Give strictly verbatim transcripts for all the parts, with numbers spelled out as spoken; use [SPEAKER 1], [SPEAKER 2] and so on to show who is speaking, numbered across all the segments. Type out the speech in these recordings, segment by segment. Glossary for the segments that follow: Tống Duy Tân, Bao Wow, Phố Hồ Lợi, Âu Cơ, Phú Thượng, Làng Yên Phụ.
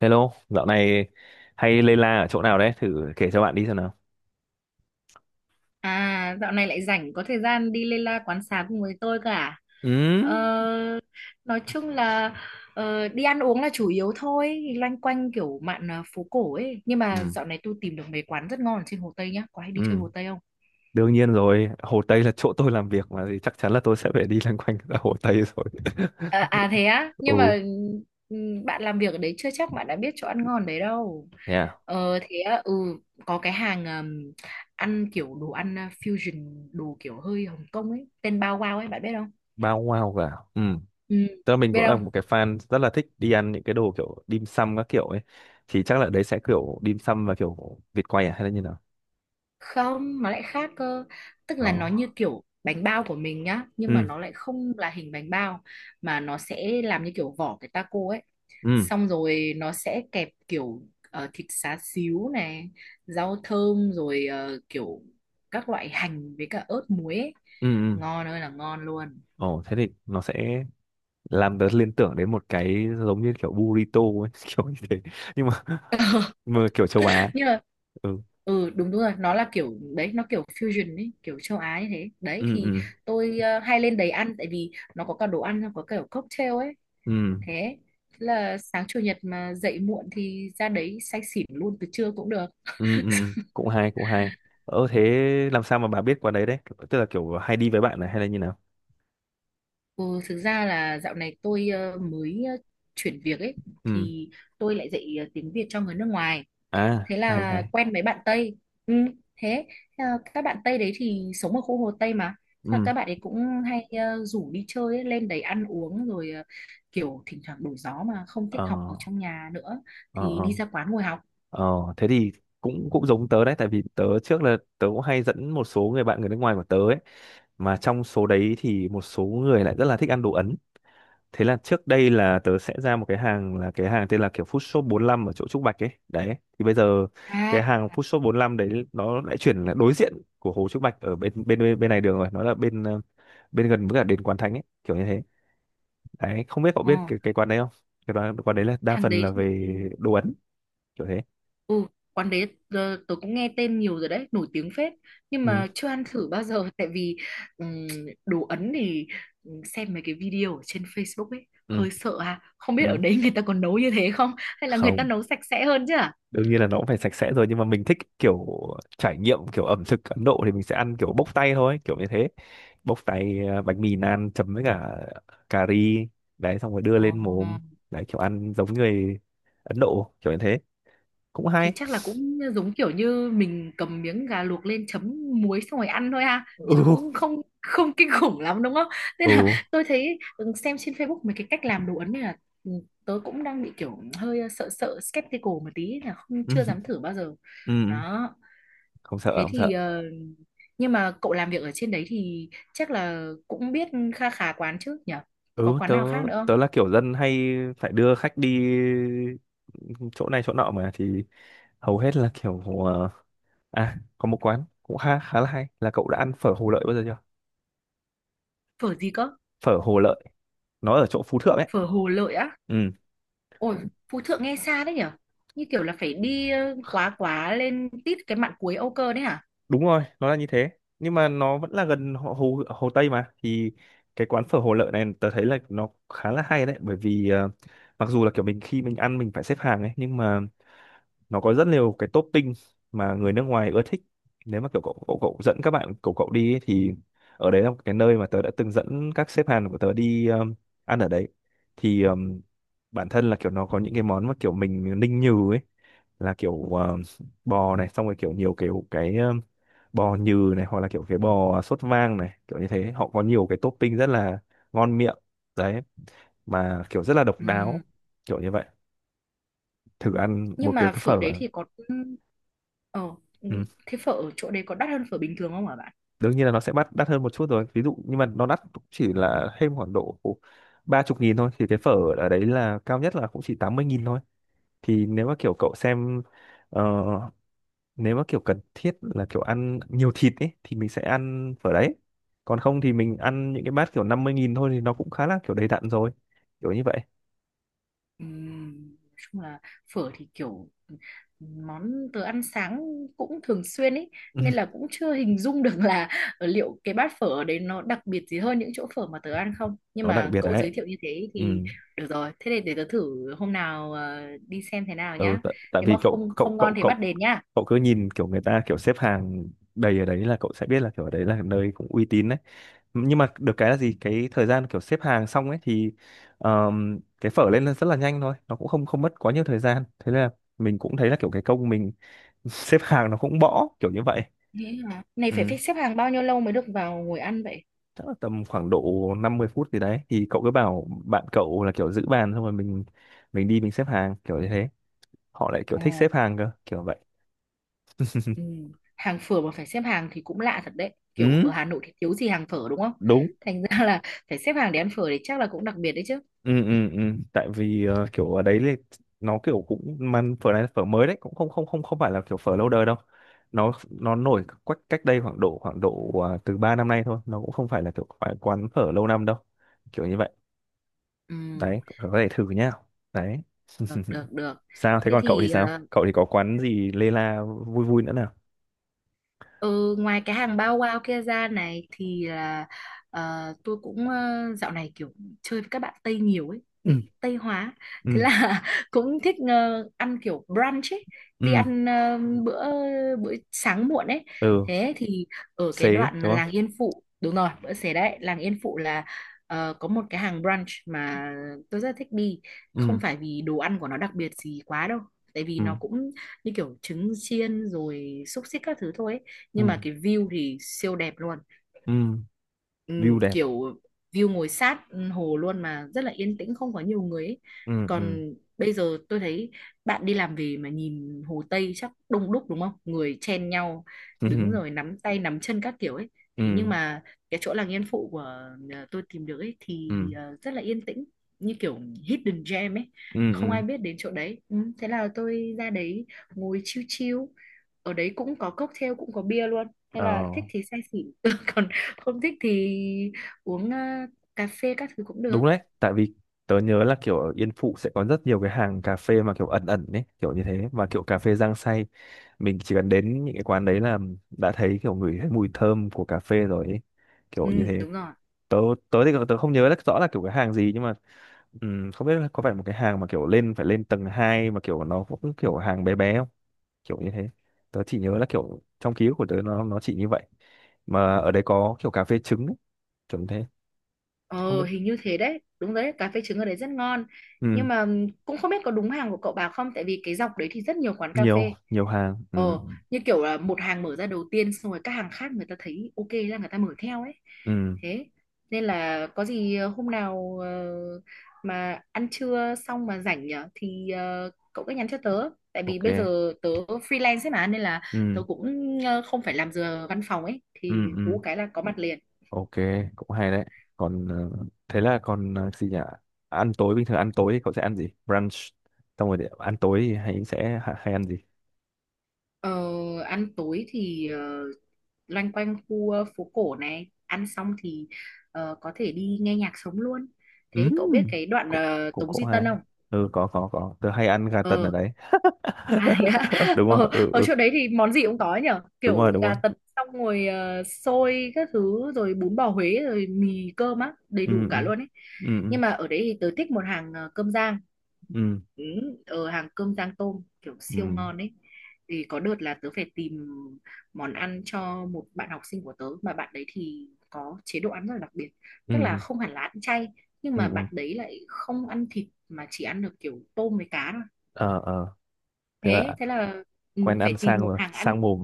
[SPEAKER 1] Hello, dạo này hay lây la ở chỗ nào đấy? Thử kể cho bạn đi xem nào.
[SPEAKER 2] À, dạo này lại rảnh có thời gian đi Lê La quán xá cùng với tôi cả, à?
[SPEAKER 1] Ừ,
[SPEAKER 2] Ờ, nói chung là ờ, đi ăn uống là chủ yếu thôi, loanh quanh kiểu mạn à, phố cổ ấy. Nhưng mà
[SPEAKER 1] ừ,
[SPEAKER 2] dạo này tôi tìm được mấy quán rất ngon ở trên Hồ Tây nhá. Có hay đi chơi
[SPEAKER 1] ừ.
[SPEAKER 2] Hồ Tây không?
[SPEAKER 1] Đương nhiên rồi, Hồ Tây là chỗ tôi làm việc mà thì chắc chắn là tôi sẽ phải đi loanh quanh ở Hồ Tây rồi.
[SPEAKER 2] À, à thế á,
[SPEAKER 1] Ừ,
[SPEAKER 2] nhưng mà ừm, bạn làm việc ở đấy chưa chắc bạn đã biết chỗ ăn ngon đấy đâu.
[SPEAKER 1] yeah,
[SPEAKER 2] Ờ thế á. ừ có cái hàng ừm, ăn kiểu đồ ăn à, fusion, đồ kiểu hơi Hồng Kông ấy, tên Bao Wow ấy bạn biết không?
[SPEAKER 1] bao wow cả. Ừ,
[SPEAKER 2] Ừ,
[SPEAKER 1] tức là mình
[SPEAKER 2] biết
[SPEAKER 1] cũng là
[SPEAKER 2] không?
[SPEAKER 1] một cái fan rất là thích đi ăn những cái đồ kiểu dim sum các kiểu ấy. Thì chắc là đấy sẽ kiểu dim sum và kiểu vịt quay à hay là như nào?
[SPEAKER 2] Không, nó lại khác cơ. Tức là nó như
[SPEAKER 1] Đó.
[SPEAKER 2] kiểu bánh bao của mình nhá, nhưng mà
[SPEAKER 1] Ừ,
[SPEAKER 2] nó lại không là hình bánh bao mà nó sẽ làm như kiểu vỏ cái taco ấy.
[SPEAKER 1] ừ,
[SPEAKER 2] Xong rồi nó sẽ kẹp kiểu ờ, thịt xá xíu này, rau thơm rồi ờ, kiểu các loại hành với cả ớt muối ấy.
[SPEAKER 1] ừ, ừ.
[SPEAKER 2] Ngon ơi là ngon luôn.
[SPEAKER 1] Ồ, thế thì nó sẽ làm tớ liên tưởng đến một cái giống như kiểu burrito ấy, kiểu như thế, nhưng mà, mà kiểu châu Á.
[SPEAKER 2] Nhưng mà
[SPEAKER 1] Ừ,
[SPEAKER 2] ừ đúng đúng rồi, nó là kiểu đấy, nó kiểu fusion ấy, kiểu châu Á như thế. Đấy
[SPEAKER 1] ừ,
[SPEAKER 2] thì
[SPEAKER 1] ừ,
[SPEAKER 2] tôi ờ, hay lên đấy ăn tại vì nó có cả đồ ăn, nó có kiểu cocktail ấy,
[SPEAKER 1] ừ,
[SPEAKER 2] thế là sáng chủ nhật mà dậy muộn thì ra đấy say xỉn luôn từ trưa cũng được.
[SPEAKER 1] ừ, ừ, cũng hay cũng hay. Ờ thế làm sao mà bà biết qua đấy đấy, tức là kiểu hay đi với bạn này hay là như nào?
[SPEAKER 2] ừ, Thực ra là dạo này tôi ờ, mới ờ, chuyển việc ấy,
[SPEAKER 1] Ừ,
[SPEAKER 2] thì tôi lại dạy ờ, tiếng Việt cho người nước ngoài,
[SPEAKER 1] à
[SPEAKER 2] thế
[SPEAKER 1] hay
[SPEAKER 2] là
[SPEAKER 1] hay.
[SPEAKER 2] quen mấy bạn Tây. ừ, Thế ờ, các bạn Tây đấy thì sống ở khu Hồ Tây mà. Thế là các
[SPEAKER 1] Ừ,
[SPEAKER 2] bạn ấy cũng hay ờ, rủ đi chơi ấy, lên đấy ăn uống rồi ờ, kiểu thỉnh thoảng đổi gió mà không thích
[SPEAKER 1] ờ,
[SPEAKER 2] học ở trong nhà nữa
[SPEAKER 1] ờ,
[SPEAKER 2] thì
[SPEAKER 1] ờ,
[SPEAKER 2] đi ra quán ngồi học.
[SPEAKER 1] ờ. Thế thì cũng cũng giống tớ đấy, tại vì tớ trước là tớ cũng hay dẫn một số người bạn người nước ngoài của tớ ấy, mà trong số đấy thì một số người lại rất là thích ăn đồ Ấn. Thế là trước đây là tớ sẽ ra một cái hàng, là cái hàng tên là kiểu Food Shop bốn lăm ở chỗ Trúc Bạch ấy. Đấy. Thì bây giờ
[SPEAKER 2] à
[SPEAKER 1] cái hàng Food Shop bốn lăm đấy nó lại chuyển là đối diện của hồ Trúc Bạch, ở bên bên bên, bên này đường rồi, nó là bên ờ, bên gần với cả đền Quán Thánh ấy, kiểu như thế. Đấy, không biết cậu
[SPEAKER 2] ờ,
[SPEAKER 1] biết cái cái quán đấy không? Cái quán, quán đấy là đa
[SPEAKER 2] Thằng
[SPEAKER 1] phần là
[SPEAKER 2] đấy thì...
[SPEAKER 1] về đồ Ấn, kiểu thế.
[SPEAKER 2] Ừ, quán đấy ờ, tớ cũng nghe tên nhiều rồi đấy, nổi tiếng phết, nhưng
[SPEAKER 1] Ừ,
[SPEAKER 2] mà chưa ăn thử bao giờ tại vì ừm, đồ Ấn thì ừm, xem mấy cái video ở trên Facebook ấy
[SPEAKER 1] ừ,
[SPEAKER 2] hơi sợ à, không biết ở
[SPEAKER 1] ừ.
[SPEAKER 2] đấy người ta còn nấu như thế không hay là người ta
[SPEAKER 1] Không,
[SPEAKER 2] nấu sạch sẽ hơn chứ à?
[SPEAKER 1] đương nhiên là nó cũng phải sạch sẽ rồi, nhưng mà mình thích kiểu trải nghiệm kiểu ẩm thực Ấn Độ thì mình sẽ ăn kiểu bốc tay thôi, kiểu như thế. Bốc tay à, bánh mì naan chấm với cả cà ri, đấy xong rồi đưa
[SPEAKER 2] Ờ.
[SPEAKER 1] lên mồm, đấy kiểu ăn giống người Ấn Độ kiểu như thế, cũng
[SPEAKER 2] Thì
[SPEAKER 1] hay.
[SPEAKER 2] chắc là cũng giống kiểu như mình cầm miếng gà luộc lên chấm muối xong rồi ăn thôi ha,
[SPEAKER 1] Ừ,
[SPEAKER 2] chứ
[SPEAKER 1] ừ,
[SPEAKER 2] cũng không không kinh khủng lắm đúng không. Nên là tôi thấy, ừ, xem trên Facebook mấy cái cách làm đồ Ấn này là ừ, tớ cũng đang bị kiểu hơi ờ, sợ sợ skeptical một tí, là không
[SPEAKER 1] ừ,
[SPEAKER 2] chưa dám thử bao giờ
[SPEAKER 1] ừ.
[SPEAKER 2] đó.
[SPEAKER 1] Không sợ
[SPEAKER 2] Thế
[SPEAKER 1] không
[SPEAKER 2] thì
[SPEAKER 1] sợ.
[SPEAKER 2] ờ, nhưng mà cậu làm việc ở trên đấy thì chắc là cũng biết kha khá quán chứ nhỉ, có
[SPEAKER 1] Ừ,
[SPEAKER 2] quán
[SPEAKER 1] tớ
[SPEAKER 2] nào khác nữa
[SPEAKER 1] tớ
[SPEAKER 2] không?
[SPEAKER 1] là kiểu dân hay phải đưa khách đi chỗ này chỗ nọ mà thì hầu hết là kiểu ờ, à, có một quán cũng khá khá là hay, là cậu đã ăn phở Hồ Lợi bao giờ chưa?
[SPEAKER 2] Phở gì cơ?
[SPEAKER 1] Phở Hồ Lợi, nó ở chỗ Phú Thượng ấy.
[SPEAKER 2] Phở Hồ Lợi á?
[SPEAKER 1] Ừ,
[SPEAKER 2] Ôi, Phú Thượng nghe xa đấy nhở? Như kiểu là phải đi ờ, quá quá lên tít cái mạn cuối Âu Cơ đấy hả?
[SPEAKER 1] đúng rồi, nó là như thế. Nhưng mà nó vẫn là gần Hồ Hồ, Hồ Tây mà, thì cái quán phở Hồ Lợi này tớ thấy là nó khá là hay đấy, bởi vì ờ, mặc dù là kiểu mình khi mình ăn mình phải xếp hàng ấy, nhưng mà nó có rất nhiều cái topping mà người nước ngoài ưa thích. Nếu mà kiểu cậu cậu, cậu dẫn các bạn cậu cậu đi ấy, thì ở đấy là một cái nơi mà tớ đã từng dẫn các sếp Hàn của tớ đi, um, ăn ở đấy thì um, bản thân là kiểu nó có những cái món mà kiểu mình ninh nhừ ấy, là kiểu um, bò này, xong rồi kiểu nhiều kiểu cái um, bò nhừ này, hoặc là kiểu cái bò sốt vang này kiểu như thế. Họ có nhiều cái topping rất là ngon miệng đấy, mà kiểu rất là độc
[SPEAKER 2] Ừ.
[SPEAKER 1] đáo, kiểu như vậy. Thử ăn một
[SPEAKER 2] Nhưng
[SPEAKER 1] cái
[SPEAKER 2] mà
[SPEAKER 1] cái
[SPEAKER 2] phở đấy
[SPEAKER 1] phở.
[SPEAKER 2] thì có... Ờ, ừ,
[SPEAKER 1] Ừ.
[SPEAKER 2] thế phở ở chỗ đấy có đắt hơn phở bình thường không hả?
[SPEAKER 1] Đương nhiên là nó sẽ bắt đắt hơn một chút rồi ví dụ, nhưng mà nó đắt cũng chỉ là thêm khoảng độ ba chục nghìn thôi, thì cái phở ở đấy là cao nhất là cũng chỉ tám mươi nghìn thôi. Thì nếu mà kiểu cậu xem ờ, nếu mà kiểu cần thiết là kiểu ăn nhiều thịt ấy thì mình sẽ ăn phở đấy, còn không thì mình ăn những cái bát kiểu năm mươi nghìn thôi, thì nó cũng khá là kiểu đầy đặn rồi, kiểu như vậy.
[SPEAKER 2] Ừm, nói chung là phở thì kiểu món tớ ăn sáng cũng thường xuyên ấy,
[SPEAKER 1] Ừ.
[SPEAKER 2] nên là cũng chưa hình dung được là ở liệu cái bát phở ở đấy nó đặc biệt gì hơn những chỗ phở mà tớ ăn không, nhưng
[SPEAKER 1] Nó đặc
[SPEAKER 2] mà
[SPEAKER 1] biệt
[SPEAKER 2] cậu
[SPEAKER 1] đấy.
[SPEAKER 2] giới thiệu như thế
[SPEAKER 1] Ừ.
[SPEAKER 2] thì được rồi, thế thì để tớ thử hôm nào ờ, đi xem thế nào
[SPEAKER 1] Ừ,
[SPEAKER 2] nhá.
[SPEAKER 1] tại, tại
[SPEAKER 2] Nếu
[SPEAKER 1] vì
[SPEAKER 2] mà
[SPEAKER 1] cậu
[SPEAKER 2] không
[SPEAKER 1] cậu
[SPEAKER 2] không ngon
[SPEAKER 1] cậu
[SPEAKER 2] thì bắt
[SPEAKER 1] cậu
[SPEAKER 2] đền nhá.
[SPEAKER 1] cậu cứ nhìn kiểu người ta kiểu xếp hàng đầy ở đấy là cậu sẽ biết là kiểu ở đấy là nơi cũng uy tín. Nhưng mà được cái là gì, cái thời gian kiểu xếp hàng xong ấy thì ờm, cái phở lên là rất là nhanh thôi, nó cũng không không mất quá nhiều thời gian, thế nên là mình cũng thấy là kiểu cái công mình xếp hàng nó cũng bỏ, kiểu như vậy.
[SPEAKER 2] Thế hả, này phải
[SPEAKER 1] Ừ.
[SPEAKER 2] phải xếp hàng bao nhiêu lâu mới được vào ngồi ăn vậy?
[SPEAKER 1] Chắc là tầm khoảng độ năm mươi phút gì đấy, thì cậu cứ bảo bạn cậu là kiểu giữ bàn xong rồi mình mình đi mình xếp hàng kiểu như thế. Họ lại kiểu
[SPEAKER 2] Ồ.
[SPEAKER 1] thích xếp hàng cơ, kiểu vậy.
[SPEAKER 2] Ừ. Hàng phở mà phải xếp hàng thì cũng lạ thật đấy. Kiểu ở
[SPEAKER 1] Ừ,
[SPEAKER 2] Hà Nội thì thiếu gì hàng phở đúng không?
[SPEAKER 1] đúng.
[SPEAKER 2] Thành ra là phải xếp hàng để ăn phở thì chắc là cũng đặc biệt đấy chứ.
[SPEAKER 1] Ừ, ừ, ừ, tại vì ờ, kiểu ở đấy thì nó kiểu cũng, mà phở này là phở mới đấy, cũng không không không không phải là kiểu phở lâu đời đâu. Nó nó nổi cách cách đây khoảng độ khoảng độ à, từ ba năm nay thôi. Nó cũng không phải là kiểu phải quán phở lâu năm đâu, kiểu như vậy.
[SPEAKER 2] Ừ,
[SPEAKER 1] Đấy có thể thử nhá. Đấy.
[SPEAKER 2] được, được, được.
[SPEAKER 1] Sao thế,
[SPEAKER 2] Thế
[SPEAKER 1] còn cậu thì
[SPEAKER 2] thì
[SPEAKER 1] sao,
[SPEAKER 2] ờ,
[SPEAKER 1] cậu thì có quán gì lê la vui vui nữa nào?
[SPEAKER 2] Ừ, ngoài cái hàng bao wow kia ra này thì là ờ, tôi cũng ờ, dạo này kiểu chơi với các bạn Tây nhiều ấy,
[SPEAKER 1] Ừ,
[SPEAKER 2] bị Tây hóa,
[SPEAKER 1] ừ,
[SPEAKER 2] thế là cũng thích ờ, ăn kiểu brunch ấy, đi
[SPEAKER 1] ừ,
[SPEAKER 2] ăn ờ, bữa bữa sáng muộn ấy.
[SPEAKER 1] ừ.
[SPEAKER 2] Thế thì ở cái
[SPEAKER 1] Xế
[SPEAKER 2] đoạn là
[SPEAKER 1] đúng không?
[SPEAKER 2] làng Yên Phụ, đúng rồi bữa xế đấy, làng Yên Phụ là ờ, có một cái hàng brunch mà tôi rất thích đi, không
[SPEAKER 1] Ừ,
[SPEAKER 2] phải vì đồ ăn của nó đặc biệt gì quá đâu, tại vì
[SPEAKER 1] ừ,
[SPEAKER 2] nó cũng như kiểu trứng chiên rồi xúc xích các thứ thôi ấy,
[SPEAKER 1] ừ,
[SPEAKER 2] nhưng mà cái view thì siêu đẹp luôn.
[SPEAKER 1] ừ,
[SPEAKER 2] Ừ,
[SPEAKER 1] view đẹp.
[SPEAKER 2] Kiểu view ngồi sát hồ luôn mà rất là yên tĩnh, không có nhiều người ấy.
[SPEAKER 1] Ừ, ừ,
[SPEAKER 2] Còn bây giờ tôi thấy bạn đi làm về mà nhìn Hồ Tây chắc đông đúc đúng không? Người chen nhau đứng
[SPEAKER 1] ừ,
[SPEAKER 2] rồi nắm tay nắm chân các kiểu ấy. Thế nhưng
[SPEAKER 1] ừ,
[SPEAKER 2] mà cái chỗ làng Yên Phụ của ờ, tôi tìm được ấy thì
[SPEAKER 1] ừ,
[SPEAKER 2] ờ, rất là yên tĩnh, như kiểu hidden gem ấy.
[SPEAKER 1] ừ,
[SPEAKER 2] Không
[SPEAKER 1] ừ.
[SPEAKER 2] ai biết đến chỗ đấy. Ừ, Thế là tôi ra đấy ngồi chill chill. Ở đấy cũng có cocktail, cũng có bia luôn, nên
[SPEAKER 1] Ờ.
[SPEAKER 2] là thích thì say xỉn. Còn không thích thì uống ờ, cà phê các thứ cũng
[SPEAKER 1] Đúng
[SPEAKER 2] được.
[SPEAKER 1] đấy, tại vì tớ nhớ là kiểu ở Yên Phụ sẽ có rất nhiều cái hàng cà phê mà kiểu ẩn ẩn đấy, kiểu như thế, và kiểu cà phê rang xay. Mình chỉ cần đến những cái quán đấy là đã thấy kiểu ngửi thấy mùi thơm của cà phê rồi ấy. Kiểu
[SPEAKER 2] Ừ,
[SPEAKER 1] như
[SPEAKER 2] ừ,
[SPEAKER 1] thế.
[SPEAKER 2] đúng rồi.
[SPEAKER 1] Tớ tớ thì tớ không nhớ rất rõ là kiểu cái hàng gì, nhưng mà ừm, không biết là có phải một cái hàng mà kiểu lên phải lên tầng hai mà kiểu nó cũng kiểu hàng bé bé không? Kiểu như thế. Tớ chỉ nhớ là kiểu trong ký ức của tớ nó nó chỉ như vậy. Mà ở đấy có kiểu cà phê trứng ấy, kiểu như thế. Không
[SPEAKER 2] Ờ
[SPEAKER 1] biết.
[SPEAKER 2] hình như thế đấy, đúng đấy, cà phê trứng ở đấy rất ngon. Nhưng
[SPEAKER 1] Ừm,
[SPEAKER 2] mà ừm, cũng không biết có đúng hàng của cậu bà không, tại vì cái dọc đấy thì rất nhiều quán cà
[SPEAKER 1] nhiều
[SPEAKER 2] phê.
[SPEAKER 1] nhiều hàng. Ừ,
[SPEAKER 2] Ờ Như kiểu là một hàng mở ra đầu tiên, xong rồi các hàng khác người ta thấy ok là người ta mở theo ấy.
[SPEAKER 1] ừ,
[SPEAKER 2] Thế nên là có gì ờ, hôm nào ờ, mà ăn trưa xong mà rảnh nhở, thì ờ, cậu cứ nhắn cho tớ, tại vì
[SPEAKER 1] ok,
[SPEAKER 2] bây giờ tớ freelance ấy mà, nên là tớ
[SPEAKER 1] ừ,
[SPEAKER 2] cũng ờ, không phải làm giờ văn phòng ấy,
[SPEAKER 1] ừ,
[SPEAKER 2] thì
[SPEAKER 1] ừ,
[SPEAKER 2] hú cái là có mặt liền.
[SPEAKER 1] ok, cũng hay đấy. Còn ờ, thế là còn ờ, gì nhỉ, ăn tối bình thường, ăn tối thì cậu sẽ ăn gì? Brunch xong rồi để ăn tối thì hay sẽ ha- hay ăn gì?
[SPEAKER 2] Ờ, Ăn tối thì ờ, loanh quanh khu ờ, phố cổ này ăn xong thì ờ, có thể đi nghe nhạc sống luôn. Thế cậu biết
[SPEAKER 1] ừm,
[SPEAKER 2] cái đoạn
[SPEAKER 1] cũng
[SPEAKER 2] ờ,
[SPEAKER 1] cũng
[SPEAKER 2] Tống
[SPEAKER 1] cũng
[SPEAKER 2] Duy Tân
[SPEAKER 1] hay.
[SPEAKER 2] không?
[SPEAKER 1] Ừ, có có có tớ hay ăn gà tần ở
[SPEAKER 2] Ờ.
[SPEAKER 1] đấy.
[SPEAKER 2] À, thế ạ.
[SPEAKER 1] Đúng rồi.
[SPEAKER 2] Ờ,
[SPEAKER 1] Ừ,
[SPEAKER 2] ở
[SPEAKER 1] ừ,
[SPEAKER 2] chỗ đấy thì món gì cũng có nhở,
[SPEAKER 1] đúng rồi
[SPEAKER 2] kiểu
[SPEAKER 1] đúng rồi.
[SPEAKER 2] gà tần xong rồi ờ, xôi các thứ rồi bún bò Huế rồi mì cơm á, đầy
[SPEAKER 1] Ừ,
[SPEAKER 2] đủ
[SPEAKER 1] ừ,
[SPEAKER 2] cả luôn ấy.
[SPEAKER 1] ừ, ừ,
[SPEAKER 2] Nhưng mà ở đấy thì tớ thích một hàng ờ, cơm rang.
[SPEAKER 1] ừ,
[SPEAKER 2] Ừ, Ở hàng cơm rang tôm kiểu
[SPEAKER 1] ừ,
[SPEAKER 2] siêu ngon ấy, thì có đợt là tớ phải tìm món ăn cho một bạn học sinh của tớ mà bạn đấy thì có chế độ ăn rất là đặc biệt,
[SPEAKER 1] ừ,
[SPEAKER 2] tức là
[SPEAKER 1] ừ,
[SPEAKER 2] không hẳn là ăn chay, nhưng
[SPEAKER 1] ừ,
[SPEAKER 2] mà
[SPEAKER 1] ừ.
[SPEAKER 2] bạn đấy lại không ăn thịt mà chỉ ăn được kiểu tôm với cá thôi.
[SPEAKER 1] Ờ, ờ, thế
[SPEAKER 2] thế
[SPEAKER 1] là
[SPEAKER 2] thế là
[SPEAKER 1] quen
[SPEAKER 2] ừ, phải
[SPEAKER 1] ăn sang
[SPEAKER 2] tìm một
[SPEAKER 1] rồi
[SPEAKER 2] hàng ăn
[SPEAKER 1] sang mồm.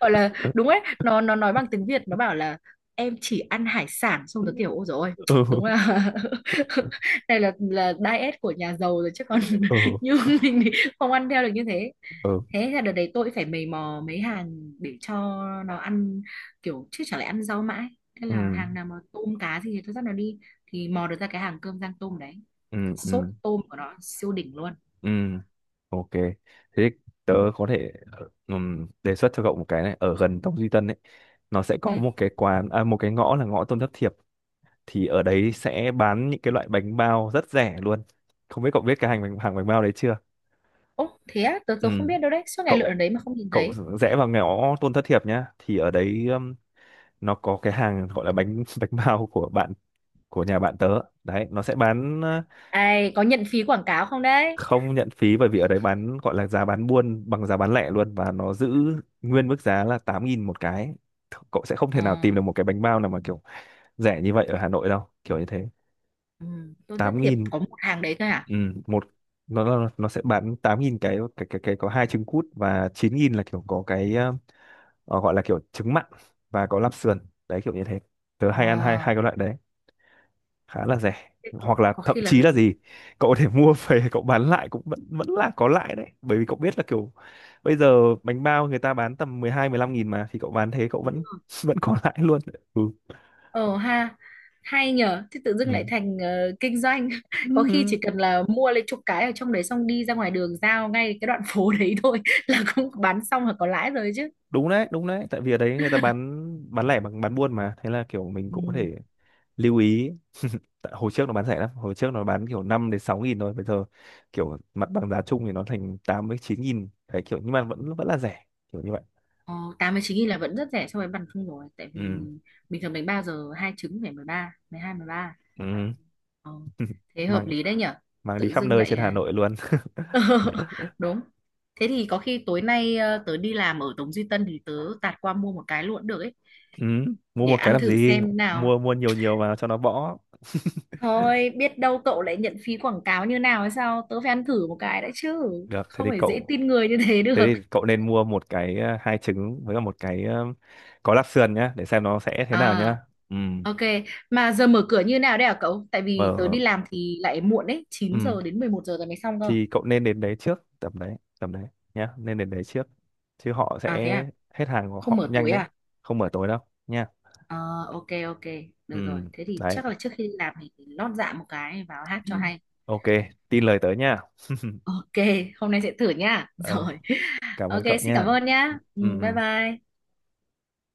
[SPEAKER 2] gọi là
[SPEAKER 1] Ừ,
[SPEAKER 2] đúng ấy. Nó nó nói bằng tiếng Việt, nó bảo là em chỉ ăn hải sản, xong rồi
[SPEAKER 1] ừ,
[SPEAKER 2] kiểu ôi dồi ôi, đúng là này là là diet của nhà giàu rồi chứ còn.
[SPEAKER 1] ừ,
[SPEAKER 2] Như mình thì không ăn theo được như thế.
[SPEAKER 1] ừ.
[SPEAKER 2] Thế là đợt đấy tôi phải mày mò mấy hàng để cho nó ăn kiểu, chứ chẳng lẽ ăn rau mãi. Thế là
[SPEAKER 1] Ừ.
[SPEAKER 2] hàng nào mà tôm cá gì thì tôi dắt nó đi, thì mò được ra cái hàng cơm rang tôm đấy,
[SPEAKER 1] Ừ,
[SPEAKER 2] sốt
[SPEAKER 1] ừ,
[SPEAKER 2] tôm của nó siêu đỉnh luôn.
[SPEAKER 1] ừ, ok. Thế tớ có thể ờ, ừm, đề xuất cho cậu một cái này ở gần Tông Duy Tân ấy. Nó sẽ
[SPEAKER 2] Ừ.
[SPEAKER 1] có một cái quán à, một cái ngõ là ngõ Tôn Thất Thiệp, thì ở đấy sẽ bán những cái loại bánh bao rất rẻ luôn. Không biết cậu biết cái hàng bánh hàng bánh bao đấy chưa?
[SPEAKER 2] Ồ thế á, tớ, tớ không
[SPEAKER 1] Ừ,
[SPEAKER 2] biết đâu đấy, suốt ngày lượn ở
[SPEAKER 1] cậu
[SPEAKER 2] đấy mà không nhìn
[SPEAKER 1] cậu
[SPEAKER 2] thấy.
[SPEAKER 1] rẽ vào ngõ Tôn Thất Thiệp nhá, thì ở đấy ừm, nó có cái hàng gọi là bánh bánh bao của bạn, của nhà bạn tớ. Đấy nó sẽ bán,
[SPEAKER 2] Ai có nhận phí quảng cáo không đấy?
[SPEAKER 1] không nhận phí, bởi vì ở đấy bán gọi là giá bán buôn bằng giá bán lẻ luôn, và nó giữ nguyên mức giá là tám nghìn một cái. Cậu sẽ không thể
[SPEAKER 2] Ờ,
[SPEAKER 1] nào tìm được một cái bánh bao nào mà kiểu rẻ như vậy ở Hà Nội đâu, kiểu như thế.
[SPEAKER 2] ừ, tôi rất
[SPEAKER 1] tám
[SPEAKER 2] thiệp
[SPEAKER 1] nghìn
[SPEAKER 2] có một hàng đấy thôi à?
[SPEAKER 1] Ừ, một. Nó nó nó sẽ bán tám nghìn cái cái cái cái có hai trứng cút, và chín nghìn là kiểu có cái ờ, ờ, gọi là kiểu trứng mặn và có lạp sườn, đấy kiểu như thế. Tớ hay ăn hai
[SPEAKER 2] Ờ,
[SPEAKER 1] hai cái loại đấy, khá là rẻ.
[SPEAKER 2] Thế có,
[SPEAKER 1] Hoặc là
[SPEAKER 2] có
[SPEAKER 1] thậm
[SPEAKER 2] khi là...
[SPEAKER 1] chí là gì, cậu có thể mua về, cậu bán lại cũng vẫn vẫn là có lãi đấy, bởi vì cậu biết là kiểu bây giờ bánh bao người ta bán tầm mười hai mười 15 nghìn mà, thì cậu bán thế cậu
[SPEAKER 2] Đúng
[SPEAKER 1] vẫn
[SPEAKER 2] rồi.
[SPEAKER 1] vẫn có lãi luôn. Ừ.
[SPEAKER 2] Ờ ha, hay nhở, thế tự dưng
[SPEAKER 1] Ừ.
[SPEAKER 2] lại thành ờ, kinh doanh. Có khi
[SPEAKER 1] Ừ,
[SPEAKER 2] chỉ cần là mua lấy chục cái ở trong đấy xong đi ra ngoài đường giao ngay cái đoạn phố đấy thôi là cũng bán xong là có lãi rồi chứ.
[SPEAKER 1] đúng đấy đúng đấy, tại vì ở đấy người ta bán bán lẻ bằng bán buôn mà, thế là kiểu mình cũng có
[SPEAKER 2] Ừ.
[SPEAKER 1] thể lưu ý. Tại hồi trước nó bán rẻ lắm, hồi trước nó bán kiểu năm đến sáu nghìn thôi, bây giờ kiểu mặt bằng giá chung thì nó thành tám với chín nghìn đấy, kiểu nhưng mà vẫn vẫn là rẻ, kiểu như vậy.
[SPEAKER 2] Ờ, tám mươi chín nghìn là vẫn rất rẻ so với bàn không rồi. Tại vì
[SPEAKER 1] Ừ.
[SPEAKER 2] bình thường bánh bao giờ hai trứng phải mười ba, mười hai, mười ba.
[SPEAKER 1] Ừ.
[SPEAKER 2] Ờ, thế
[SPEAKER 1] Mà
[SPEAKER 2] hợp lý đấy nhở.
[SPEAKER 1] mang đi
[SPEAKER 2] Tự
[SPEAKER 1] khắp
[SPEAKER 2] dưng
[SPEAKER 1] nơi
[SPEAKER 2] lại
[SPEAKER 1] trên
[SPEAKER 2] ờ,
[SPEAKER 1] Hà Nội luôn.
[SPEAKER 2] đúng. Thế thì có khi tối nay ờ, tớ đi làm ở Tống Duy Tân thì tớ tạt qua mua một cái luôn cũng được ấy,
[SPEAKER 1] Ừ, mua
[SPEAKER 2] để
[SPEAKER 1] một cái
[SPEAKER 2] ăn
[SPEAKER 1] làm
[SPEAKER 2] thử
[SPEAKER 1] gì,
[SPEAKER 2] xem nào.
[SPEAKER 1] mua mua nhiều nhiều vào cho nó bõ.
[SPEAKER 2] Thôi biết đâu cậu lại nhận phí quảng cáo như nào hay sao, tớ phải ăn thử một cái đã chứ,
[SPEAKER 1] Được, thế
[SPEAKER 2] không
[SPEAKER 1] thì
[SPEAKER 2] phải dễ
[SPEAKER 1] cậu
[SPEAKER 2] tin người như thế được.
[SPEAKER 1] thế thì cậu nên mua một cái ờ, hai trứng với cả một cái ờ, có lạp sườn nhá, để xem nó sẽ thế nào
[SPEAKER 2] À,
[SPEAKER 1] nhá. Ừ,
[SPEAKER 2] ok. Mà giờ mở cửa như nào đấy hả cậu, tại vì tớ
[SPEAKER 1] mở.
[SPEAKER 2] đi làm thì lại muộn đấy, chín
[SPEAKER 1] Ừ,
[SPEAKER 2] giờ đến mười một giờ rồi mới xong cơ.
[SPEAKER 1] thì cậu nên đến đấy trước tầm đấy tầm đấy nhá, nên đến đấy trước, chứ họ
[SPEAKER 2] À thế
[SPEAKER 1] sẽ
[SPEAKER 2] à,
[SPEAKER 1] hết hàng của
[SPEAKER 2] không
[SPEAKER 1] họ
[SPEAKER 2] mở
[SPEAKER 1] cũng nhanh
[SPEAKER 2] tối
[SPEAKER 1] đấy.
[SPEAKER 2] à?
[SPEAKER 1] Không mở tối đâu, nha.
[SPEAKER 2] Ờ, ok, ok, được rồi.
[SPEAKER 1] Ừ,
[SPEAKER 2] Thế thì
[SPEAKER 1] đấy.
[SPEAKER 2] chắc là trước khi đi làm thì lót dạ một cái vào hát
[SPEAKER 1] Ừ,
[SPEAKER 2] cho hay.
[SPEAKER 1] ok, tin lời tớ nha.
[SPEAKER 2] Ok, hôm nay sẽ thử nhá.
[SPEAKER 1] Ồ,
[SPEAKER 2] Rồi,
[SPEAKER 1] cảm ơn
[SPEAKER 2] ok,
[SPEAKER 1] cậu
[SPEAKER 2] xin cảm
[SPEAKER 1] nha.
[SPEAKER 2] ơn nhá. Ừ,
[SPEAKER 1] Ừ,
[SPEAKER 2] bye
[SPEAKER 1] ừ.
[SPEAKER 2] bye.